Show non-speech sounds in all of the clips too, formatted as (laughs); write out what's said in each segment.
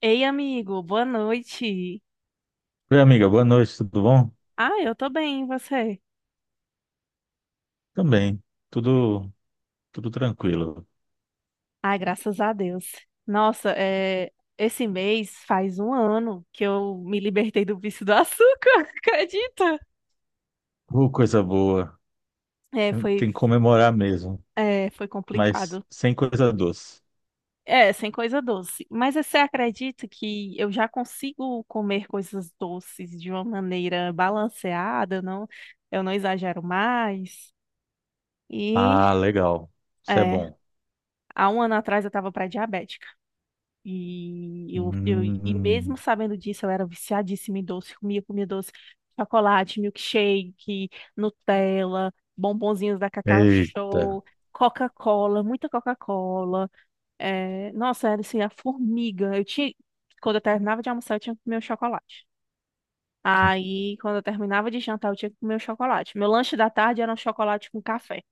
Ei, amigo, boa noite. Oi, amiga, boa noite, tudo bom? Ah, eu tô bem, e você? Também, tudo tudo tranquilo. Ah, graças a Deus. Nossa, é, esse mês faz um ano que eu me libertei do vício do açúcar, (laughs) acredita? Coisa boa. É, Tem foi, que comemorar mesmo, é, foi mas complicado. sem coisa doce. É, sem coisa doce. Mas você acredita que eu já consigo comer coisas doces de uma maneira balanceada, não? Eu não exagero mais. Ah, E, legal. Isso é é, bom. há um ano atrás eu estava pré-diabética. E eu e Hum. mesmo sabendo disso, eu era viciadíssima em doce, comia, comia doce, chocolate, milkshake, Nutella, bombonzinhos da Cacau Eita. Show, Coca-Cola, muita Coca-Cola. É, nossa, era assim, a formiga. Quando eu terminava de almoçar, eu tinha que comer o chocolate. Aí, quando eu terminava de jantar, eu tinha que comer o chocolate. Meu lanche da tarde era um chocolate com café.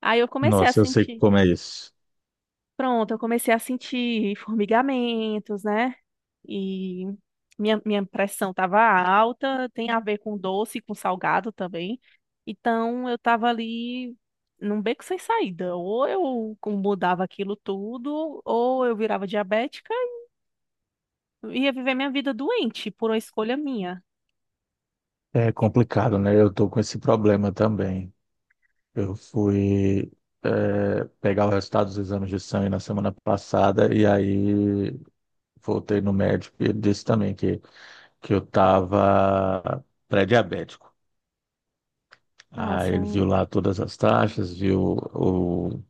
Aí eu comecei a Nossa, eu sei sentir. como é isso. Pronto, eu comecei a sentir formigamentos, né? E minha pressão estava alta, tem a ver com doce, com salgado também. Então eu estava ali num beco sem saída. Ou eu mudava aquilo tudo, ou eu virava diabética e ia viver minha vida doente por uma escolha minha. É complicado, né? Eu tô com esse problema também. Eu fui pegar o resultado dos exames de sangue na semana passada e aí voltei no médico e ele disse também que eu tava pré-diabético. Aí Nossa, ele viu lá todas as taxas, viu o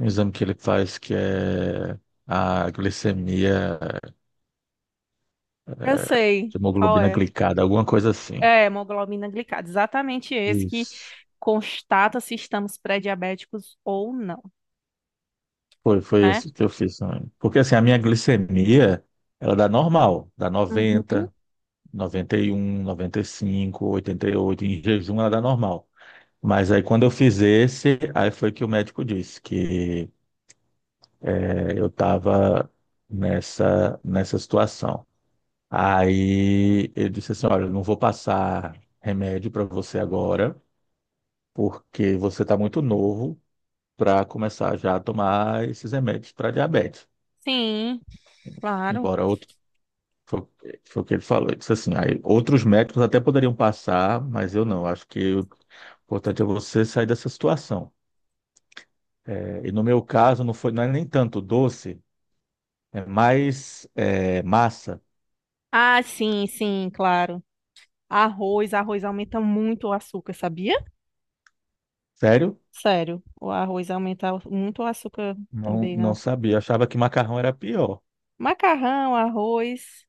exame que ele faz, que é a glicemia, eu sei qual hemoglobina é. glicada, alguma coisa assim. É, hemoglobina glicada, exatamente esse que Isso. constata se estamos pré-diabéticos ou não, Foi né? esse que eu fiz também. Porque assim, a minha glicemia, ela dá normal, dá Uhum. 90, 91, 95, 88, em jejum ela dá normal. Mas aí quando eu fiz esse, aí foi que o médico disse que eu estava nessa situação. Aí eu disse assim: olha, eu não vou passar remédio para você agora, porque você está muito novo para começar já a tomar esses remédios para diabetes. Sim, claro. Embora outro. Foi, foi o que ele falou. Ele disse assim: aí, outros médicos até poderiam passar, mas eu não. Acho que o importante é você sair dessa situação. E no meu caso, não foi, não é nem tanto doce, é mais massa. Ah, sim, sim, claro. Arroz, arroz aumenta muito o açúcar, sabia? Sério? Sério, o arroz aumenta muito o açúcar Não, também, né? não sabia. Achava que macarrão era pior. Macarrão, arroz,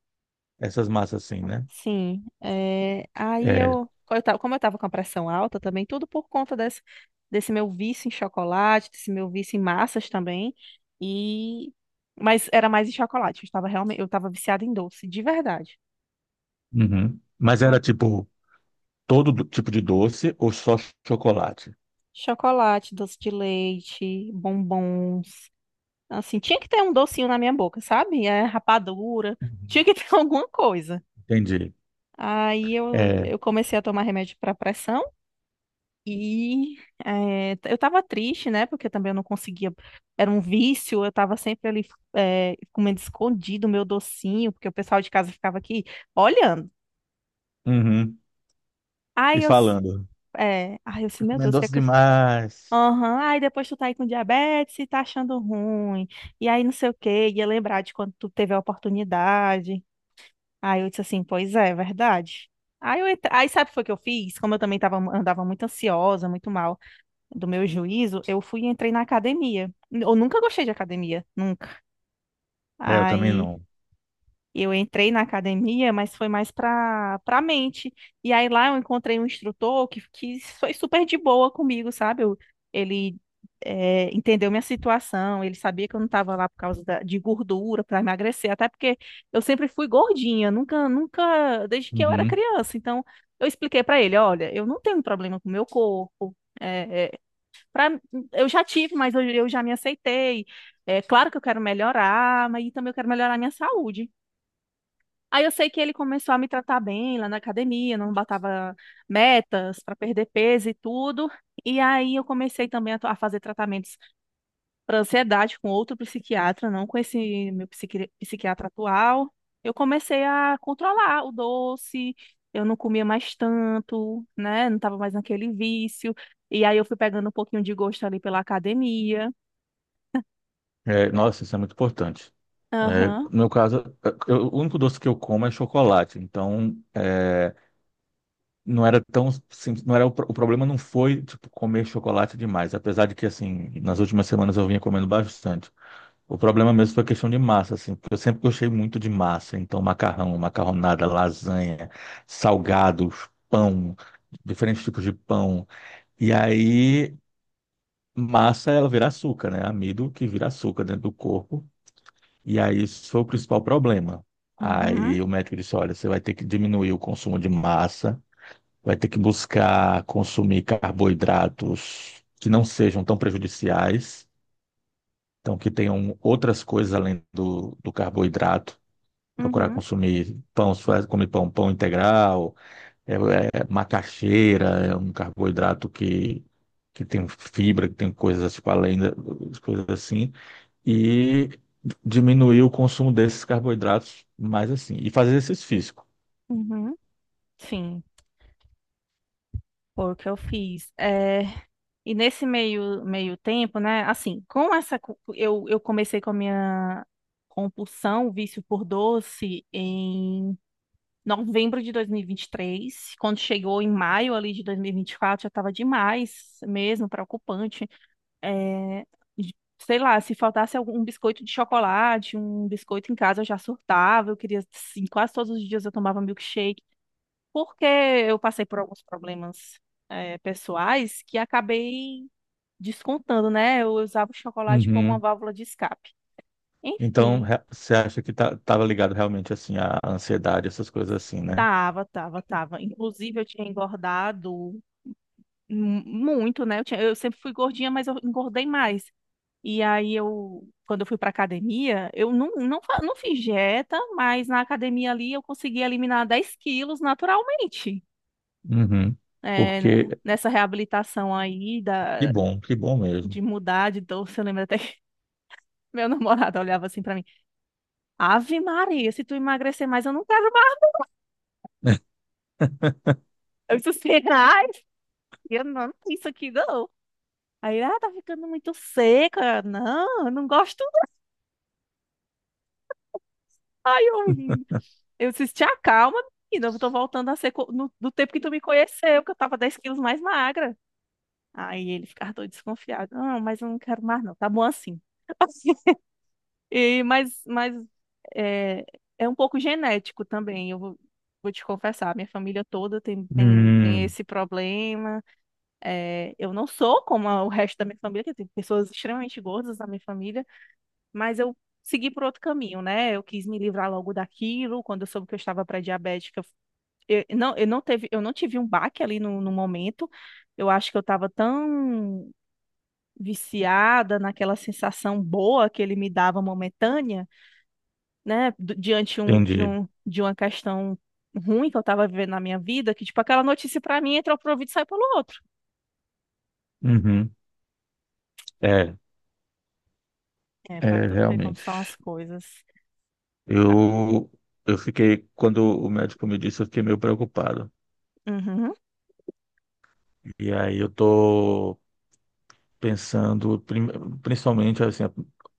Essas massas assim, né? sim. É, aí É. Como eu tava com a pressão alta também, tudo por conta desse meu vício em chocolate, desse meu vício em massas também, e... Mas era mais em chocolate, eu estava viciada em doce, de verdade. Uhum. Mas era tipo tipo de doce ou só chocolate? Chocolate, doce de leite, bombons. Assim, tinha que ter um docinho na minha boca, sabe? É, rapadura. Tinha Uhum. que (laughs) ter alguma coisa. Entendi. Aí eu, É. eu comecei a tomar remédio para pressão e eu tava triste, né? Porque também eu não conseguia. Era um vício, eu tava sempre ali comendo escondido o meu docinho, porque o pessoal de casa ficava aqui olhando. Uhum. E Aí eu, s- falando. aí eu disse, Tá meu Deus, comendo o que é doce que eu. demais. Aham. Aí depois tu tá aí com diabetes e tá achando ruim. E aí não sei o quê, ia lembrar de quando tu teve a oportunidade. Aí eu disse assim, pois é, é verdade. Aí sabe o que foi que eu fiz? Como eu também tava, andava muito ansiosa, muito mal do meu juízo, eu fui e entrei na academia. Eu nunca gostei de academia, nunca. É, eu também Aí não. eu entrei na academia, mas foi mais para mente. E aí lá eu encontrei um instrutor que foi super de boa comigo, sabe? Ele entendeu minha situação, ele sabia que eu não estava lá por causa de gordura para emagrecer, até porque eu sempre fui gordinha, nunca, nunca, desde que eu era Uhum. criança. Então eu expliquei para ele, olha, eu não tenho problema com o meu corpo. Pra- eu já tive, mas eu já me aceitei. É claro que eu quero melhorar, mas também eu quero melhorar a minha saúde. Aí eu sei que ele começou a me tratar bem lá na academia, não batava metas para perder peso e tudo. E aí eu comecei também a fazer tratamentos para ansiedade com outro psiquiatra, não com esse meu psiquiatra atual. Eu comecei a controlar o doce, eu não comia mais tanto, né? Não estava mais naquele vício. E aí eu fui pegando um pouquinho de gosto ali pela academia. É, É. nossa, isso é muito importante. É, no Aham, meu caso, o único doce que eu como é chocolate. Então, é, não era tão simples. Não era o problema não foi tipo comer chocolate demais, apesar de que assim, nas últimas semanas eu vinha comendo bastante. O problema mesmo foi a questão de massa, assim, porque eu sempre gostei muito de massa, então macarrão, macarronada, lasanha, salgados, pão, diferentes tipos de pão. E aí massa ela vira açúcar, né? Amido que vira açúcar dentro do corpo. E aí isso foi o principal problema. uhum, Aí o médico disse, olha, você vai ter que diminuir o consumo de massa, vai ter que buscar consumir carboidratos que não sejam tão prejudiciais, então que tenham outras coisas além do carboidrato. Procurar uhum, consumir pão, se faz comer pão, pão integral, macaxeira, é um carboidrato que tem fibra, que tem coisas tipo além da, coisas assim, e diminuir o consumo desses carboidratos mais assim, e fazer exercício físico. uhum, sim, foi o que eu fiz. É. E nesse meio tempo, né? Assim, com essa. Eu comecei com a minha compulsão, o vício por doce, em novembro de dois mil e vinte e três. Quando chegou em maio ali de dois mil e vinte e quatro, já estava demais mesmo, preocupante. É, sei lá, se faltasse algum um biscoito de chocolate, um biscoito em casa, eu já surtava. Eu queria, assim, quase todos os dias eu tomava milkshake. Porque eu passei por alguns problemas pessoais que acabei descontando, né? Eu usava o chocolate como uma Uhum. válvula de escape. Então, Enfim, você acha que tá, tava ligado realmente assim à ansiedade, essas coisas assim, né? tava, tava, tava. Inclusive, eu tinha engordado muito, né? Eu sempre fui gordinha, mas eu engordei mais. E aí, eu, quando eu fui pra academia, eu não fiz dieta, mas na academia ali eu consegui eliminar 10 quilos naturalmente. Uhum. É, né? Porque Nessa reabilitação aí da, que bom mesmo. de mudar de doce, eu lembro até que (laughs) meu namorado olhava assim pra mim, Ave Maria, se tu emagrecer mais, eu não quero. Eu disse assim, (laughs) ai, eu não amo isso aqui não. Aí, ele, ah, tá ficando muito seca. Não, eu não gosto não. Aí eu, ri. Eu disse, te acalma, menina, eu tô voltando a ser co- no, do tempo que tu me conheceu, que eu tava 10 quilos mais magra. Aí ele ficava todo desconfiado. Não, mas eu não quero mais não, tá bom assim. (laughs) E, mas é, é um pouco genético também, eu vou te confessar. Minha família toda tem, tem, tem Hum, esse problema. É, eu não sou como o resto da minha família, que tem pessoas extremamente gordas na minha família, mas eu segui por outro caminho, né? Eu quis me livrar logo daquilo. Quando eu soube que eu estava pré-diabética, eu não tive um baque ali no momento. Eu acho que eu estava tão viciada naquela sensação boa que ele me dava momentânea, né? do- Diante entendi. um, de uma questão ruim que eu estava vivendo na minha vida, que tipo aquela notícia para mim entra por um ouvido e sai pelo outro. Uhum. É, É, para é tu ver como realmente. são as coisas. Eu eu fiquei quando o médico me disse, eu fiquei meio preocupado. Uhum. E aí eu tô pensando principalmente assim, é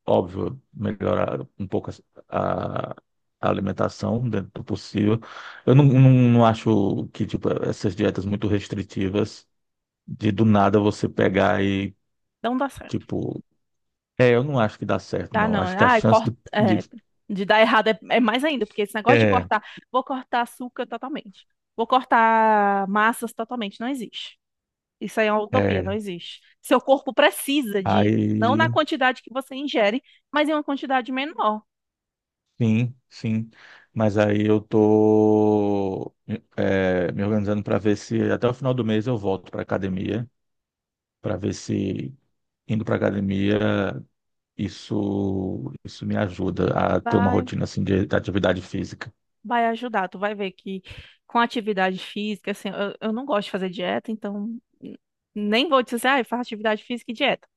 óbvio, melhorar um pouco a alimentação dentro do possível. Eu não, não, não acho que tipo essas dietas muito restritivas de do nada você pegar e Não dá certo. tipo, é, eu não acho que dá certo, Dá não. não. Acho que a Ai, chance corta. É, de- de dar errado é mais ainda, porque esse negócio de é, cortar. Vou cortar açúcar totalmente. Vou cortar massas totalmente. Não existe. Isso aí é uma utopia, não é, existe. Seu corpo precisa de. Não aí na quantidade que você ingere, mas em uma quantidade menor. sim, sim. Mas aí eu tô me organizando para ver se até o final do mês eu volto para academia, para ver se indo para academia, isso me ajuda a ter uma Vai, rotina assim de atividade física. vai ajudar. Tu vai ver que com atividade física, assim, eu não gosto de fazer dieta, então. Nem vou dizer, ah, eu faço atividade física e dieta.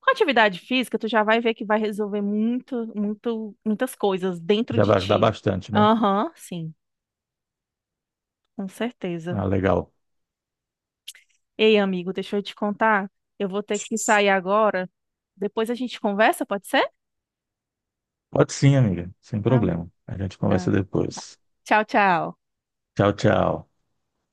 Com atividade física, tu já vai ver que vai resolver muito, muito, muitas coisas dentro Já de vai ajudar ti. bastante, né? Aham, sim, com certeza. Ah, legal. Ei, amigo, deixa eu te contar. Eu vou ter que sair agora. Depois a gente conversa, pode ser? Pode sim, amiga, sem Ah, problema. A gente conversa tá. depois. Tchau, tchau. Tchau, tchau.